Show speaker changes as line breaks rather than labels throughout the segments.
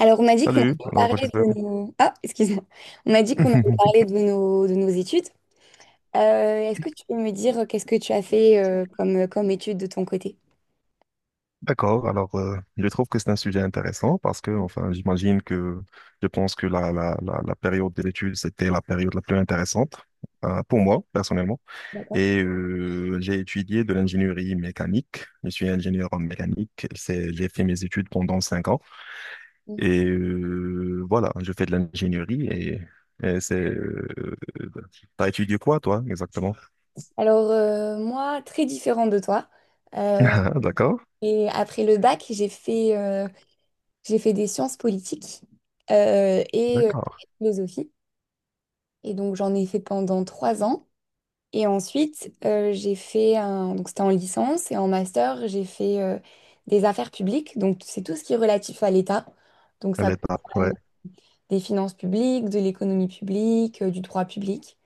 Alors, on m'a dit qu'on
Salut,
allait
alors
parler de nos... excuse-moi. On m'a dit qu'on allait parler de nos études. Est-ce que tu peux me dire qu'est-ce que tu as fait comme, comme études de ton côté?
D'accord, alors je trouve que c'est un sujet intéressant parce que, enfin, j'imagine que je pense que la période de l'étude, c'était la période la plus intéressante pour moi, personnellement.
D'accord.
Et j'ai étudié de l'ingénierie mécanique. Je suis ingénieur en mécanique. C'est, j'ai fait mes études pendant 5 ans.
Mhm.
Et voilà, je fais de l'ingénierie et c'est... T'as étudié quoi, toi, exactement?
Alors, moi, très différent de toi. Euh,
D'accord,
et après le bac, j'ai fait des sciences politiques et
d'accord.
philosophie. Et donc, j'en ai fait pendant 3 ans. Et ensuite, j'ai fait un... Donc, c'était en licence et en master, j'ai fait des affaires publiques. Donc, c'est tout ce qui est relatif à l'État. Donc,
À
ça
l'étape, ouais.
comprend des finances publiques, de l'économie publique, du droit public.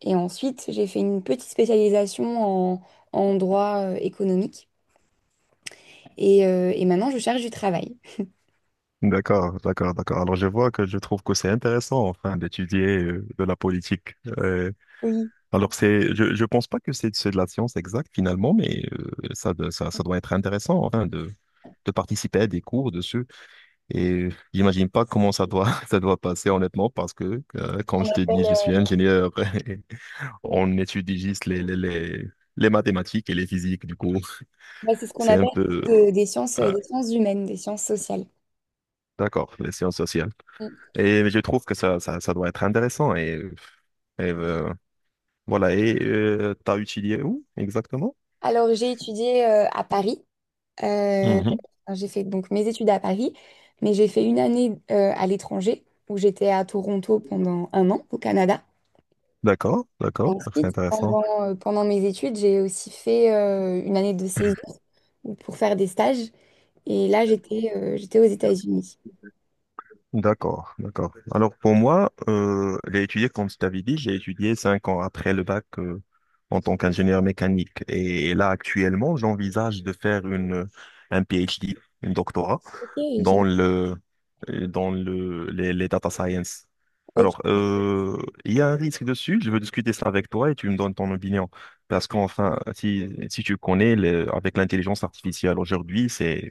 Et ensuite, j'ai fait une petite spécialisation en droit économique. Et maintenant, je cherche du travail.
D'accord, d'accord, d'accord. Alors je vois que je trouve que c'est intéressant enfin d'étudier de la politique.
Oui.
Alors c'est, je pense pas que c'est de la science exacte finalement, mais ça de- ça ça doit être intéressant enfin de participer à des cours dessus. Et j'imagine pas comment ça doit ça doit passer honnêtement parce que quand je te dis je suis ingénieur, et on étudie juste les mathématiques et les physiques du coup.
Ouais, c'est ce qu'on
C'est un
appelle
peu ah,
des sciences humaines, des sciences sociales.
d'accord, les sciences sociales.
Mm.
Et je trouve que ça doit être intéressant et Et euh, voilà, et t'as utilisé où exactement?
Alors, j'ai étudié à Paris. Euh,
Mhm.
enfin, j'ai fait donc mes études à Paris, mais j'ai fait une année à l'étranger où j'étais à Toronto pendant un an au Canada.
D'accord, d'accord, c'est
Ensuite,
intéressant.
pendant mes études, j'ai aussi fait une année de césure ou pour faire des stages. Et là, j'étais aux États-Unis.
D'accord, d'accord. Alors pour moi, j'ai étudié, comme je t'avais dit, j'ai étudié 5 ans après le bac en tant qu'ingénieur mécanique. Et là, actuellement, j'envisage de faire une, un PhD, une doctorat,
Ok, j'ai-
dans le, les data science.
ok.
Alors, il y a un risque dessus, je veux discuter ça avec toi et tu me donnes ton opinion. Parce qu'enfin, si tu connais, le- avec l'intelligence artificielle aujourd'hui, c'est...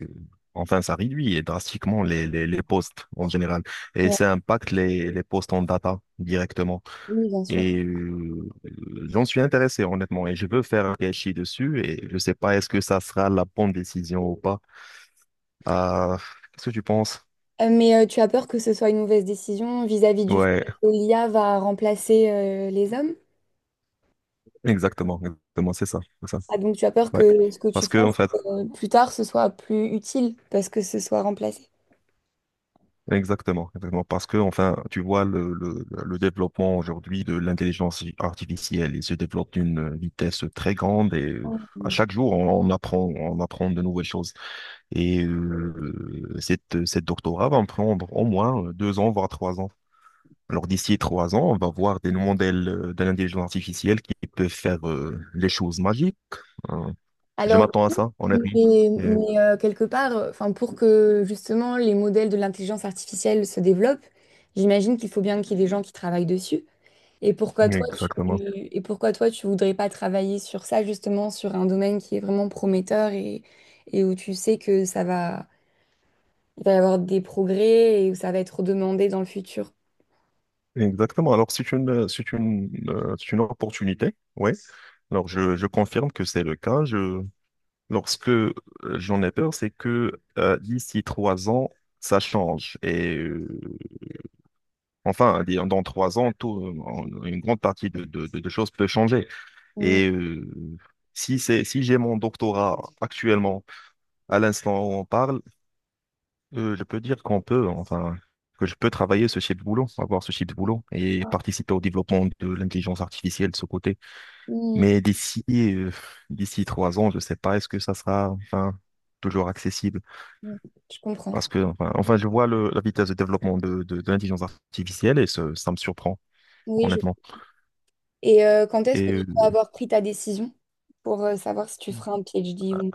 Enfin, ça réduit drastiquement les postes en général. Et
Ouais.
ça impacte les postes en data directement.
Oui, bien sûr.
Et j'en suis intéressé, honnêtement. Et je veux faire un PhD dessus. Et je sais pas, est-ce que ça sera la bonne décision ou pas. Euh, Qu'est-ce que tu penses?
Mais tu as peur que ce soit une mauvaise décision vis-à-vis du fait
Ouais,
que l'IA va remplacer les hommes?
exactement. Exactement, c'est ça. C'est ça.
Ah, donc tu as peur
Ouais.
que ce que tu
Parce que,
fasses
en fait,
plus tard, ce soit plus utile parce que ce soit remplacé.
exactement, exactement. Parce que, enfin, tu vois, le développement aujourd'hui de l'intelligence artificielle, il se développe d'une vitesse très grande et à chaque jour, on apprend, de nouvelles choses. Et cette doctorat va me prendre au moins 2 ans, voire 3 ans. Alors, d'ici 3 ans, on va voir des modèles de l'intelligence artificielle qui peuvent faire les choses magiques. Euh, je
Alors,
m'attends à ça,
mais,
honnêtement. Et-
mais, quelque part, enfin, pour que justement les modèles de l'intelligence artificielle se développent, j'imagine qu'il faut bien qu'il y ait des gens qui travaillent dessus. Et pourquoi toi, tu,
Exactement.
et pourquoi toi, tu voudrais pas travailler sur ça, justement, sur un domaine qui est vraiment prometteur et où tu sais que ça va il va y avoir des progrès et où ça va être demandé dans le futur.
Exactement. Alors, c'est une, c'est une, c'est une opportunité. Oui. Alors, je confirme que c'est le cas. Lorsque j'en ai peur, c'est que d'ici 3 ans, ça change. Et enfin, dire, dans 3 ans, tout, une grande partie de choses peut changer.
Mm,
Et si j'ai mon doctorat actuellement, à l'instant où on parle, je peux dire qu'on peut, enfin, que je peux travailler ce type de boulot, avoir ce type de boulot et participer au développement de l'intelligence artificielle de ce côté.
mm,
Mais d'ici 3 ans, je sais pas, est-ce que ça sera, enfin, toujours accessible?
mm. Je comprends.
Parce que, enfin, enfin, je vois le- la vitesse de développement de l'intelligence artificielle et ça me surprend,
Oui, je...
honnêtement.
Et quand est-ce que
Et
tu
euh,
vas avoir pris ta décision pour savoir si tu feras un PhD ou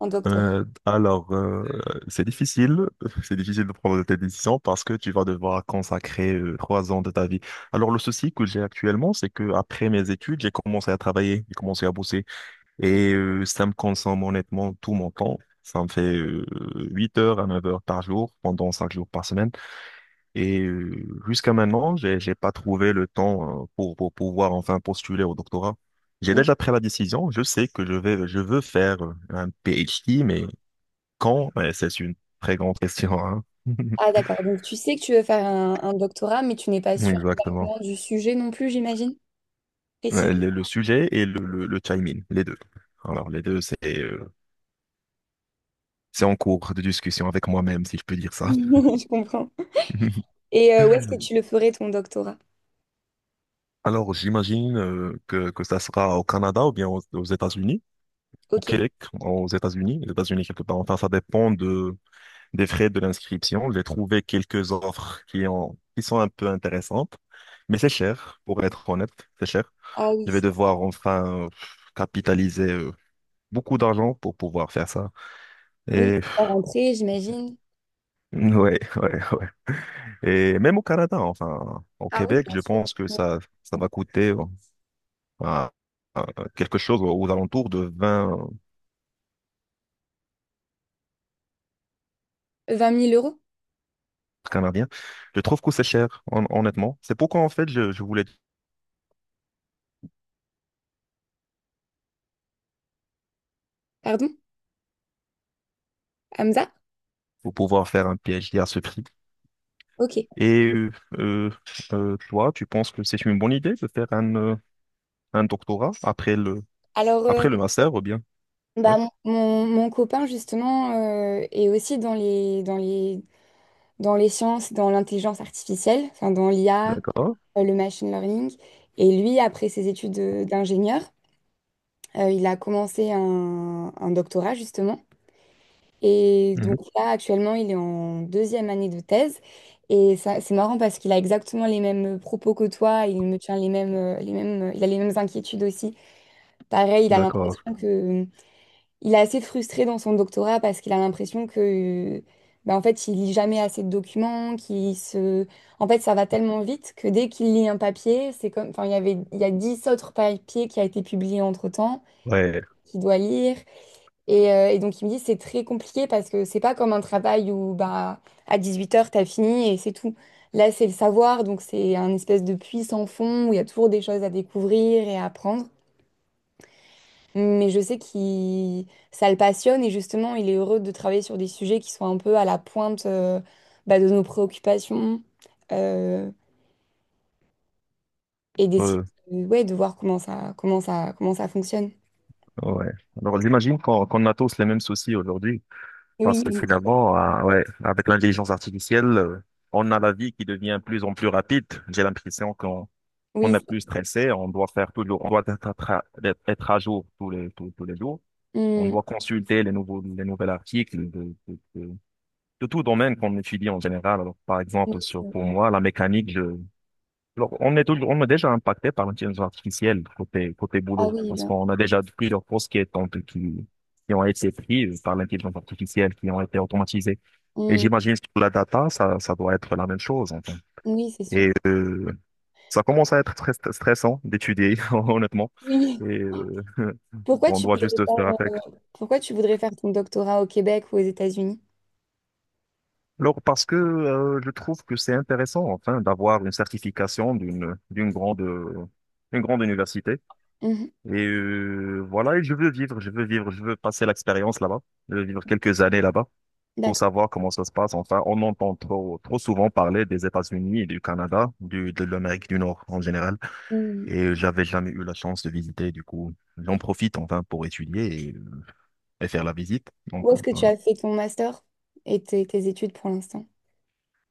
un doctorat?
Alors, c'est difficile, c'est difficile de prendre tes décisions parce que tu vas devoir consacrer 3 ans de ta vie. Alors, le souci que j'ai actuellement, c'est que après mes études, j'ai commencé à travailler, j'ai commencé à bosser et ça me consomme honnêtement tout mon temps. Ça me fait 8 heures à 9 heures par jour pendant 5 jours par semaine. Et jusqu'à maintenant, j'ai pas trouvé le temps pour, pouvoir enfin postuler au doctorat. J'ai
Mm.
déjà pris la décision. Je sais que je vais, je veux faire un PhD, mais quand? Ouais, c'est une très grande question, hein.
Ah d'accord, donc tu sais que tu veux faire un doctorat, mais tu n'es pas sûre
Exactement.
exactement du sujet non plus, j'imagine. Précisé.
Le sujet et le chiming, les deux. Alors, les deux, c'est en cours de discussion avec moi-même, si je peux dire ça.
Je comprends. Et où est-ce que tu le ferais ton doctorat?
Alors, j'imagine que, ça sera au Canada ou bien aux États-Unis, au
Ok.
Québec, aux États-Unis, les États-Unis quelque part. Enfin, ça dépend des frais de l'inscription. J'ai trouvé quelques offres qui ont, qui sont un peu intéressantes, mais c'est cher, pour être honnête, c'est cher.
Ah oui,
Je vais
c'est-
devoir enfin capitaliser beaucoup d'argent pour pouvoir faire ça.
oui,
Et
à rentrer, j'imagine.
ouais, ouais, ouais. Et même au Canada, enfin, au
Ah oui,
Québec,
bien
je
sûr.
pense que ça va coûter à- à quelque chose aux alentours de 20
20 000 euros,
Canadiens. Je trouve que c'est cher, honnêtement. C'est pourquoi, en fait, je voulais
pardon? Hamza?
pouvoir faire un PhD à ce prix.
Ok.
Et euh, euh, Toi, tu penses que c'est une bonne idée de faire un doctorat
Alors,
après le master, ou bien? Oui,
bah, mon copain, justement, est aussi dans les sciences, dans l'intelligence artificielle, enfin, dans l'IA,
d'accord.
le machine learning. Et lui, après ses études d'ingénieur, il a commencé un doctorat, justement. Et donc
Mhm.
là, actuellement, il est en deuxième année de thèse. Et ça, c'est marrant parce qu'il a exactement les mêmes propos que toi. Il me tient les mêmes, il a les mêmes inquiétudes aussi. Pareil, il a
D'accord.
l'impression que il est assez frustré dans son doctorat parce qu'il a l'impression que, bah, en fait, il lit jamais assez de documents, qu'il se... En fait, ça va tellement vite que dès qu'il lit un papier, c'est comme... il y a 10 autres papiers qui a été publiés entre-temps,
Ouais,
qu'il doit lire. Et donc, il me dit, c'est très compliqué parce que c'est pas comme un travail où, bah, à 18 heures t'as fini et c'est tout. Là, c'est le savoir, donc c'est un espèce de puits sans fond où il y a toujours des choses à découvrir et à apprendre. Mais je sais qu'il ça le passionne et justement, il est heureux de travailler sur des sujets qui sont un peu à la pointe bah, de nos préoccupations euh, et d'essayer
euh,
ouais, de voir comment ça fonctionne.
ouais. Alors, j'imagine qu'on a tous les mêmes soucis aujourd'hui, parce que
Oui,
finalement, ouais, avec l'intelligence artificielle, on a la vie qui devient de plus en plus rapide. J'ai l'impression qu'on on
oui.
est plus stressé, on doit faire tout le, on doit être, être à jour tous les jours. On
Hum,
doit consulter les nouveaux articles de tout domaine qu'on étudie en général. Alors, par
oui,
exemple, sur
c'est-
pour moi, la mécanique, alors, on est déjà impacté par l'intelligence artificielle côté
ah
boulot,
oui,
parce
bien.
qu'on a déjà plusieurs postes qui ont été pris par l'intelligence artificielle, qui ont été automatisés. Et
Hum,
j'imagine que pour la data, ça doit être la même chose, en
oui, c'est sûr.
Et euh, ça commence à être très stressant d'étudier, honnêtement.
Oui.
Et euh,
Pourquoi
on
tu
doit
voudrais
juste
pas
faire avec.
pourquoi tu voudrais faire ton doctorat au Québec ou aux États-Unis?
Alors, parce que je trouve que c'est intéressant, enfin, d'avoir une certification d'une grande, une grande université.
Mhm,
Et voilà, et je veux vivre, je veux vivre, je veux passer l'expérience là-bas. Je veux vivre quelques années là-bas pour
d'accord.
savoir comment ça se passe. Enfin, on entend trop, trop souvent parler des États-Unis et du Canada, de l'Amérique du Nord en général.
Hum.
Et j'avais jamais eu la chance de visiter. Du coup, j'en profite enfin pour étudier et faire la visite.
Où
Donc,
est-ce que tu as fait ton master et tes études pour l'instant?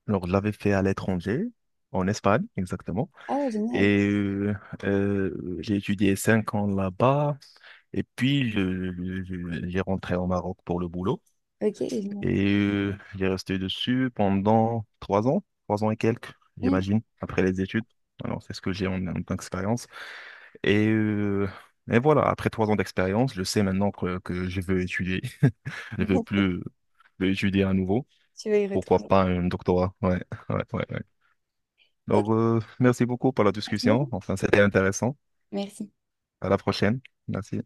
alors, je l'avais fait à l'étranger, en Espagne exactement.
Ah, génial.
Et euh, j'ai étudié cinq ans là-bas. Et puis, j'ai rentré au Maroc pour le boulot.
Ok.
Et il est resté dessus pendant 3 ans, trois ans et quelques,
Mm.
j'imagine, après les études. Alors, c'est ce que j'ai en tant qu'expérience. Et, euh, et voilà, après 3 ans d'expérience, je sais maintenant que je veux étudier. Je veux plus, plus étudier à nouveau.
Tu vas y
Pourquoi
retourner.
pas un doctorat? Ouais, ouais, ouais, ouais.
Ok,
Alors, merci beaucoup pour la
merci
discussion.
beaucoup.
Enfin, c'était intéressant.
Merci.
À la prochaine. Merci.